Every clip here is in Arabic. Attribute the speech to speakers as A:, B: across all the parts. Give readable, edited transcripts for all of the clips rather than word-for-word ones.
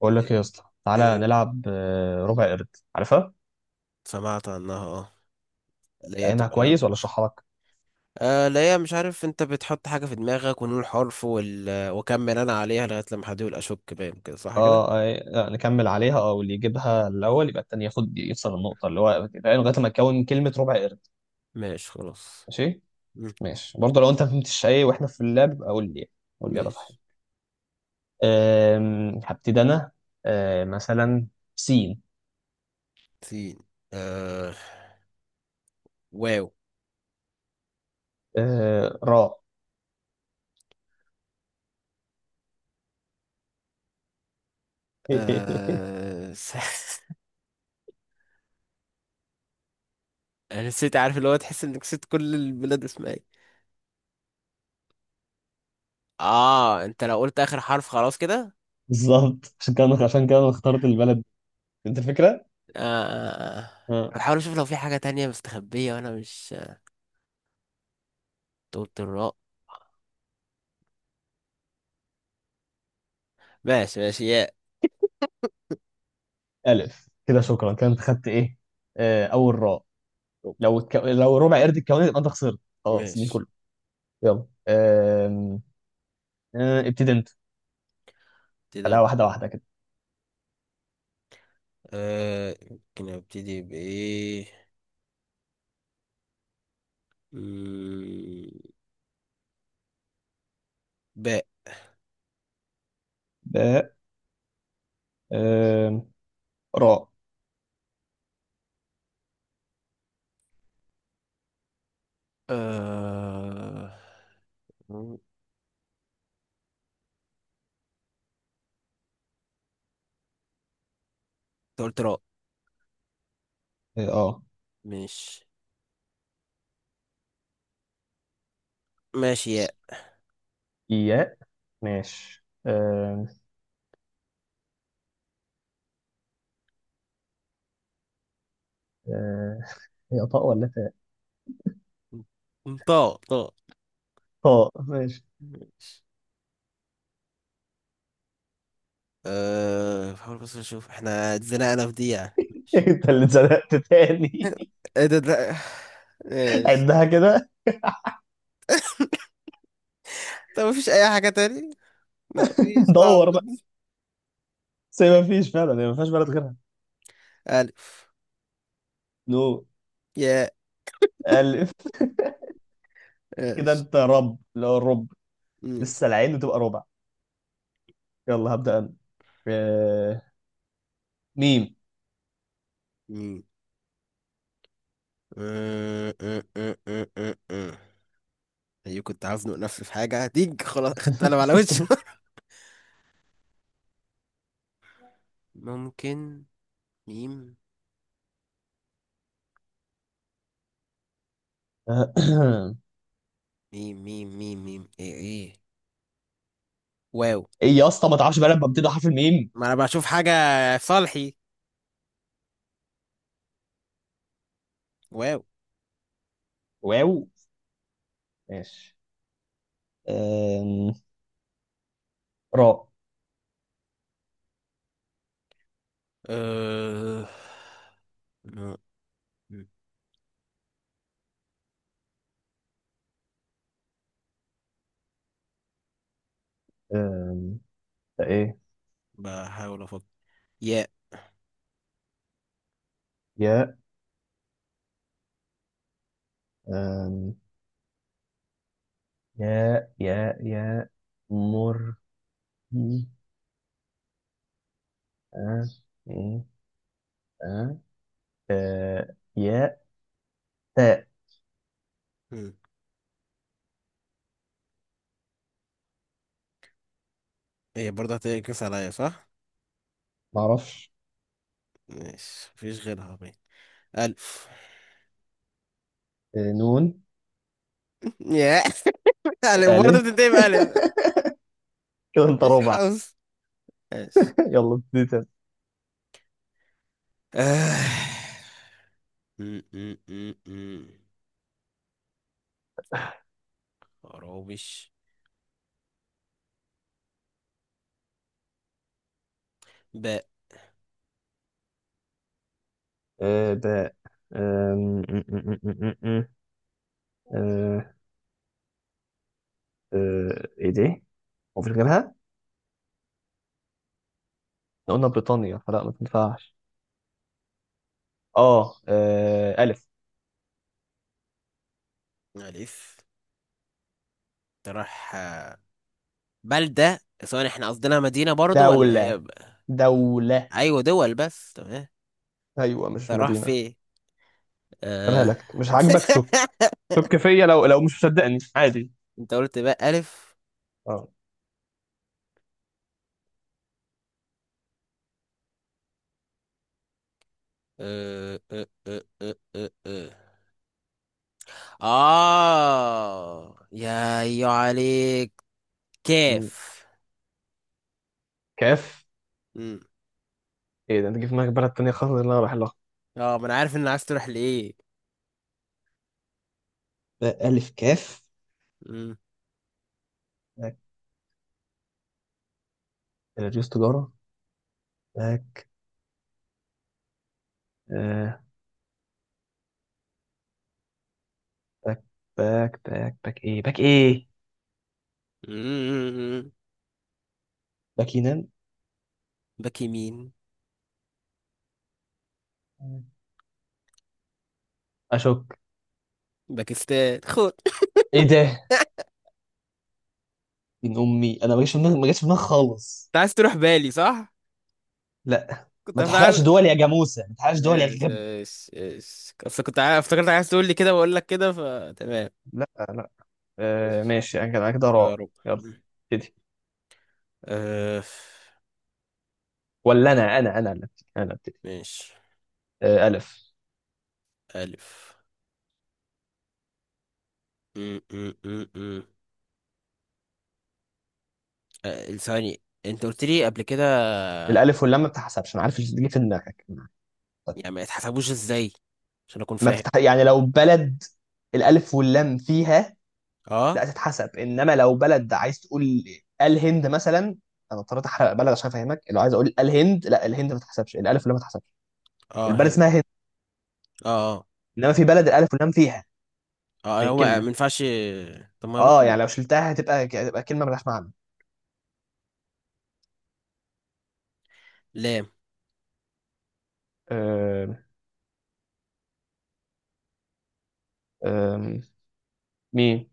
A: بقول لك ايه يا اسطى؟ تعالى
B: إيه،
A: نلعب ربع قرد. عارفها؟
B: سمعت عنها اه. اللي هي
A: فاهمها
B: بتبقى
A: كويس ولا
B: بنخ...
A: اشرحها لك؟
B: اللي هي مش عارف، انت بتحط حاجة في دماغك ونقول حرف، وال... وكمل انا عليها لغاية لما حد يقول اشك، باين كده، صح كده.
A: اه، نكمل عليها. اه، واللي يجيبها الاول يبقى التاني ياخد، يكسب النقطه. اللي هو فاهم لغايه ما تكون كلمه ربع قرد.
B: ماشي خلاص.
A: ماشي.
B: مم،
A: ماشي برضه، لو انت ما فهمتش ايه واحنا في اللعب يبقى قول لي، يعني. قول لي ابقى فاهم.
B: ماشي.
A: هبتدي انا. مثلا سين.
B: سين آه واو
A: راء.
B: آه س... انا نسيت، عارف اللي هو تحس انك نسيت كل البلاد اسمها ايه. اه انت لو قلت اخر حرف خلاص كده.
A: بالظبط، عشان كده عشان كده انا اخترت البلد دي. انت الفكره.
B: آه.
A: آه.
B: بحاول اشوف لو في حاجة تانية مستخبية وانا مش قلت الراء. ماشي ماشي، ياء.
A: الف. كده شكرا. كده انت خدت ايه؟ اول راء. لو ربع قرد الكواني يبقى انت خسرت خلاص من
B: ماشي،
A: كله. يلا أم... أه، ابتدي انت.
B: ابتدي
A: خليها
B: انا.
A: واحده واحده كده.
B: آه يمكن ابتدي بايه. مم، باء.
A: ب. أم... راء.
B: آه. مم، انت قلت راء.
A: اه.
B: ماشي. ماشي ياء.
A: ياء. ماشي أم... أه، هي طاء ولا تاء؟
B: مم، طاء طاء.
A: طاء. ماشي.
B: ماشي. آه بحاول بس اشوف احنا اتزنقنا في دي، يعني ماشي.
A: انت اللي اتزنقت تاني.
B: ايه ده. ماشي.
A: عدها كده.
B: طب مفيش اي حاجة تاني. لا مفيش، صعب
A: دور بقى.
B: دي.
A: بس هي ما فيش فعلا، هي ما فيهاش بلد غيرها.
B: ألف،
A: نو.
B: ياء.
A: الف. كده
B: ماشي
A: انت رب، اللي هو الرب.
B: ماشي.
A: لسه العين وتبقى ربع. يلا هبدأ انا. أه، ميم.
B: مم. آه. ايوه كنت هزنق نفسي في حاجة هتيج، خلاص خدت قلم على وشه. ممكن. ميم ميم ميم ميم ميم، ايه ايه. واو.
A: ايه يا اسطى، ما تعرفش بقى لما بتبدا حرف الميم؟
B: ما انا بشوف حاجة في صالحي. واو.
A: واو. ماشي. أم... راء.
B: أه... م- م-
A: أم... ده ايه؟
B: بحاول افكر. ياء.
A: يا. أم... يا مر. أه. إيه؟ أه. أه. يا. تاء.
B: م. ايه برضه هتنكس عليا، صح؟
A: معرفش.
B: ماشي، مفيش غيرها باين. ألف.
A: أه. نون.
B: ياء. ألف، برضه
A: ألف.
B: بتنتهي بألف.
A: كده انت
B: مفيش
A: ربع.
B: حظ. ماشي.
A: يلا ابتدي تاني.
B: آه. م. خرابش. باء.
A: أه. باء. أم... أم، أم، أم، أم، أم. أه. أه. ايه دي؟ مفيش غيرها؟ احنا قلنا بريطانيا، فلا ما تنفعش. اه، ألف.
B: ألف. تروح آه، بلدة سواء، احنا قصدنا مدينة برضو ولا هي
A: دولة. دولة.
B: أيوة، دول بس، تمام.
A: ايوه، مش
B: تروح
A: مدينه.
B: في
A: أنا
B: آه...
A: لك مش عاجبك؟ شك. شك فيا، لو مش مصدقني عادي.
B: انت قلت بقى ألف.
A: اه.
B: آه، آه، يا أيوة عليك.
A: مم.
B: كيف.
A: كاف.
B: مم.
A: ايه ده، انت جه في دماغك بلد تانية خالص اللي انا رايح لها؟
B: اه ما انا عارف ان عايز تروح لإيه.
A: الف كاف.
B: مم.
A: باك. رئيس تجارة. باك. آه. باك. باك باك باك ايه؟ باك ايه؟
B: مم.
A: باكينان.
B: باك يمين.
A: اشك.
B: باكستان خد.
A: ايه ده؟ من امي، انا ما جاش في دماغي، ما جاش في دماغي خالص.
B: انت عايز تروح بالي، صح؟
A: لا،
B: كنت
A: ما تحرقش
B: عايز.
A: دول يا جاموسه، ما تحرقش دول يا
B: يس
A: غبي.
B: يس يس، اصل كنت افتكرت عايز تقول لي كده واقول لك كده، فتمام.
A: لا، لا.
B: ماشي،
A: ماشي. انا كده، أنا كده
B: يا
A: راء.
B: رب.
A: يلا ابتدي.
B: أه.
A: ولا انا اللي ابتدي؟ انا ابتدي.
B: ماشي
A: الف.
B: ألف. م. أه، ثواني، أنت قلت لي قبل كده
A: الالف واللام ما بتحسبش، انا عارف اللي بتيجي في دماغك. طيب.
B: يعني ما يتحسبوش إزاي، عشان أكون
A: ما
B: فاهم.
A: بتتح... يعني لو بلد الالف واللام فيها
B: أه.
A: لا تتحسب. انما لو بلد عايز تقول الهند مثلا، انا اضطريت احرق بلد عشان افهمك. لو عايز اقول الهند، لا، الهند ما تتحسبش الالف واللام، ما تتحسبش.
B: أه
A: البلد
B: هنا.
A: اسمها هند.
B: أه. أه،
A: انما في
B: تمام.
A: بلد الالف واللام فيها
B: أه هو ما
A: بالكلمه.
B: ينفعش. طب ما
A: اه،
B: ممكن.
A: يعني لو شلتها هتبقى كلمه ملهاش معنى.
B: لام.
A: آه... آه... مين.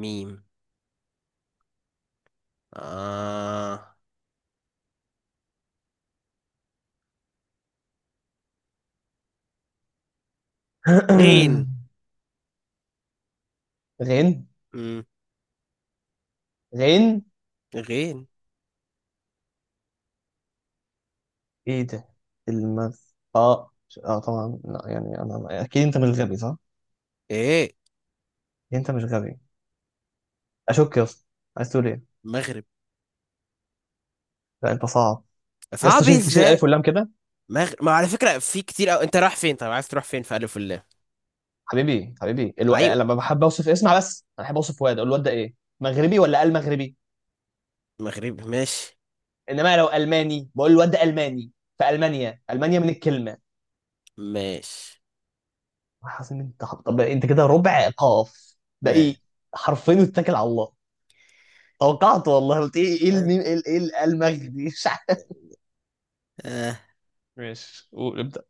B: ميم. آه. غين.
A: غين.
B: م.
A: غين.
B: غين.
A: ايه ده؟ المغ اه طبعا لا. يعني انا اكيد انت مش غبي، صح؟
B: إيه.
A: أكيد انت مش غبي. اشك يا اسطى. عايز تقول ايه؟
B: مغرب.
A: لا، انت صعب. يا اسطى
B: صعب
A: شيل شيل الف
B: إزاي.
A: واللام كده.
B: مغ... ما على فكرة في كتير، انت رايح فين، طيب عايز تروح فين في ألف الله.
A: حبيبي حبيبي،
B: ايوه،
A: لما بحب اوصف، اسمع بس، انا بحب اوصف واد، اقول الواد ده ايه؟ مغربي ولا المغربي؟
B: مغرب. ماشي.
A: انما لو الماني بقول الواد ده الماني، في المانيا، المانيا من الكلمه.
B: ماشي
A: حاسس انت؟ طب انت كده ربع قاف، ده ايه؟
B: ماشي.
A: حرفين واتكل على الله. توقعت، والله، قلت ايه؟ ايه الميم، ايه، إيه المغربي؟ مش عارف.
B: اه،
A: ماشي، قول ابدأ.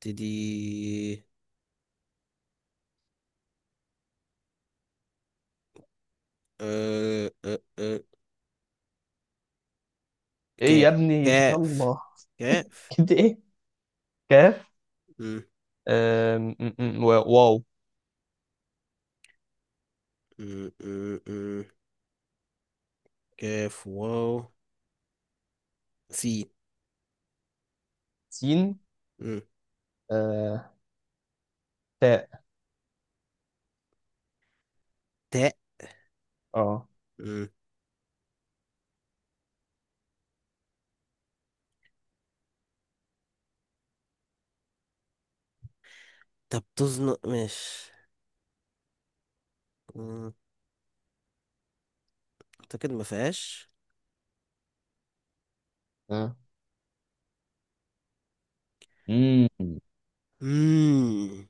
B: تدي. أه.
A: ايه
B: كاف
A: يا ابني؟
B: كاف
A: يلا.
B: كاف.
A: كده ايه؟ كاف.
B: م-
A: آم، م- م- و- واو.
B: م- م- م. كاف واو. سين.
A: سين.
B: م.
A: آه، تاء.
B: تاء.
A: اه.
B: م. طب تزنق، ماشي. م. اعتقد ما فيهاش.
A: آه. امم.
B: مم.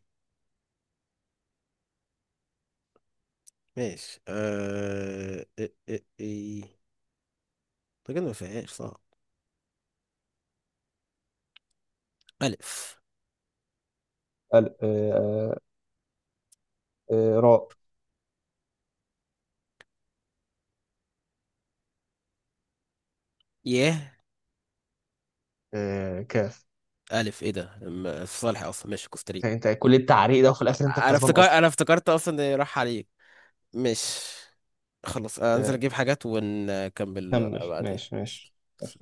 B: ماشي أه. اعتقد ما فيهاش، صح. ألف.
A: ال- آه، آه، راء.
B: ياه.
A: كاف.
B: ألف إيه ده، في صالح أصلا. ماشي كوستاريكا.
A: يعني انت كل التعريق ده وفي الاخر انت
B: أنا
A: الكسبان
B: افتكر،
A: اصلا؟
B: أنا افتكرت أصلا إن راح عليك. مش. خلاص، أنزل
A: آه،
B: أجيب حاجات ونكمل
A: كمل.
B: بعدين.
A: ماشي. ماشي. ماشي.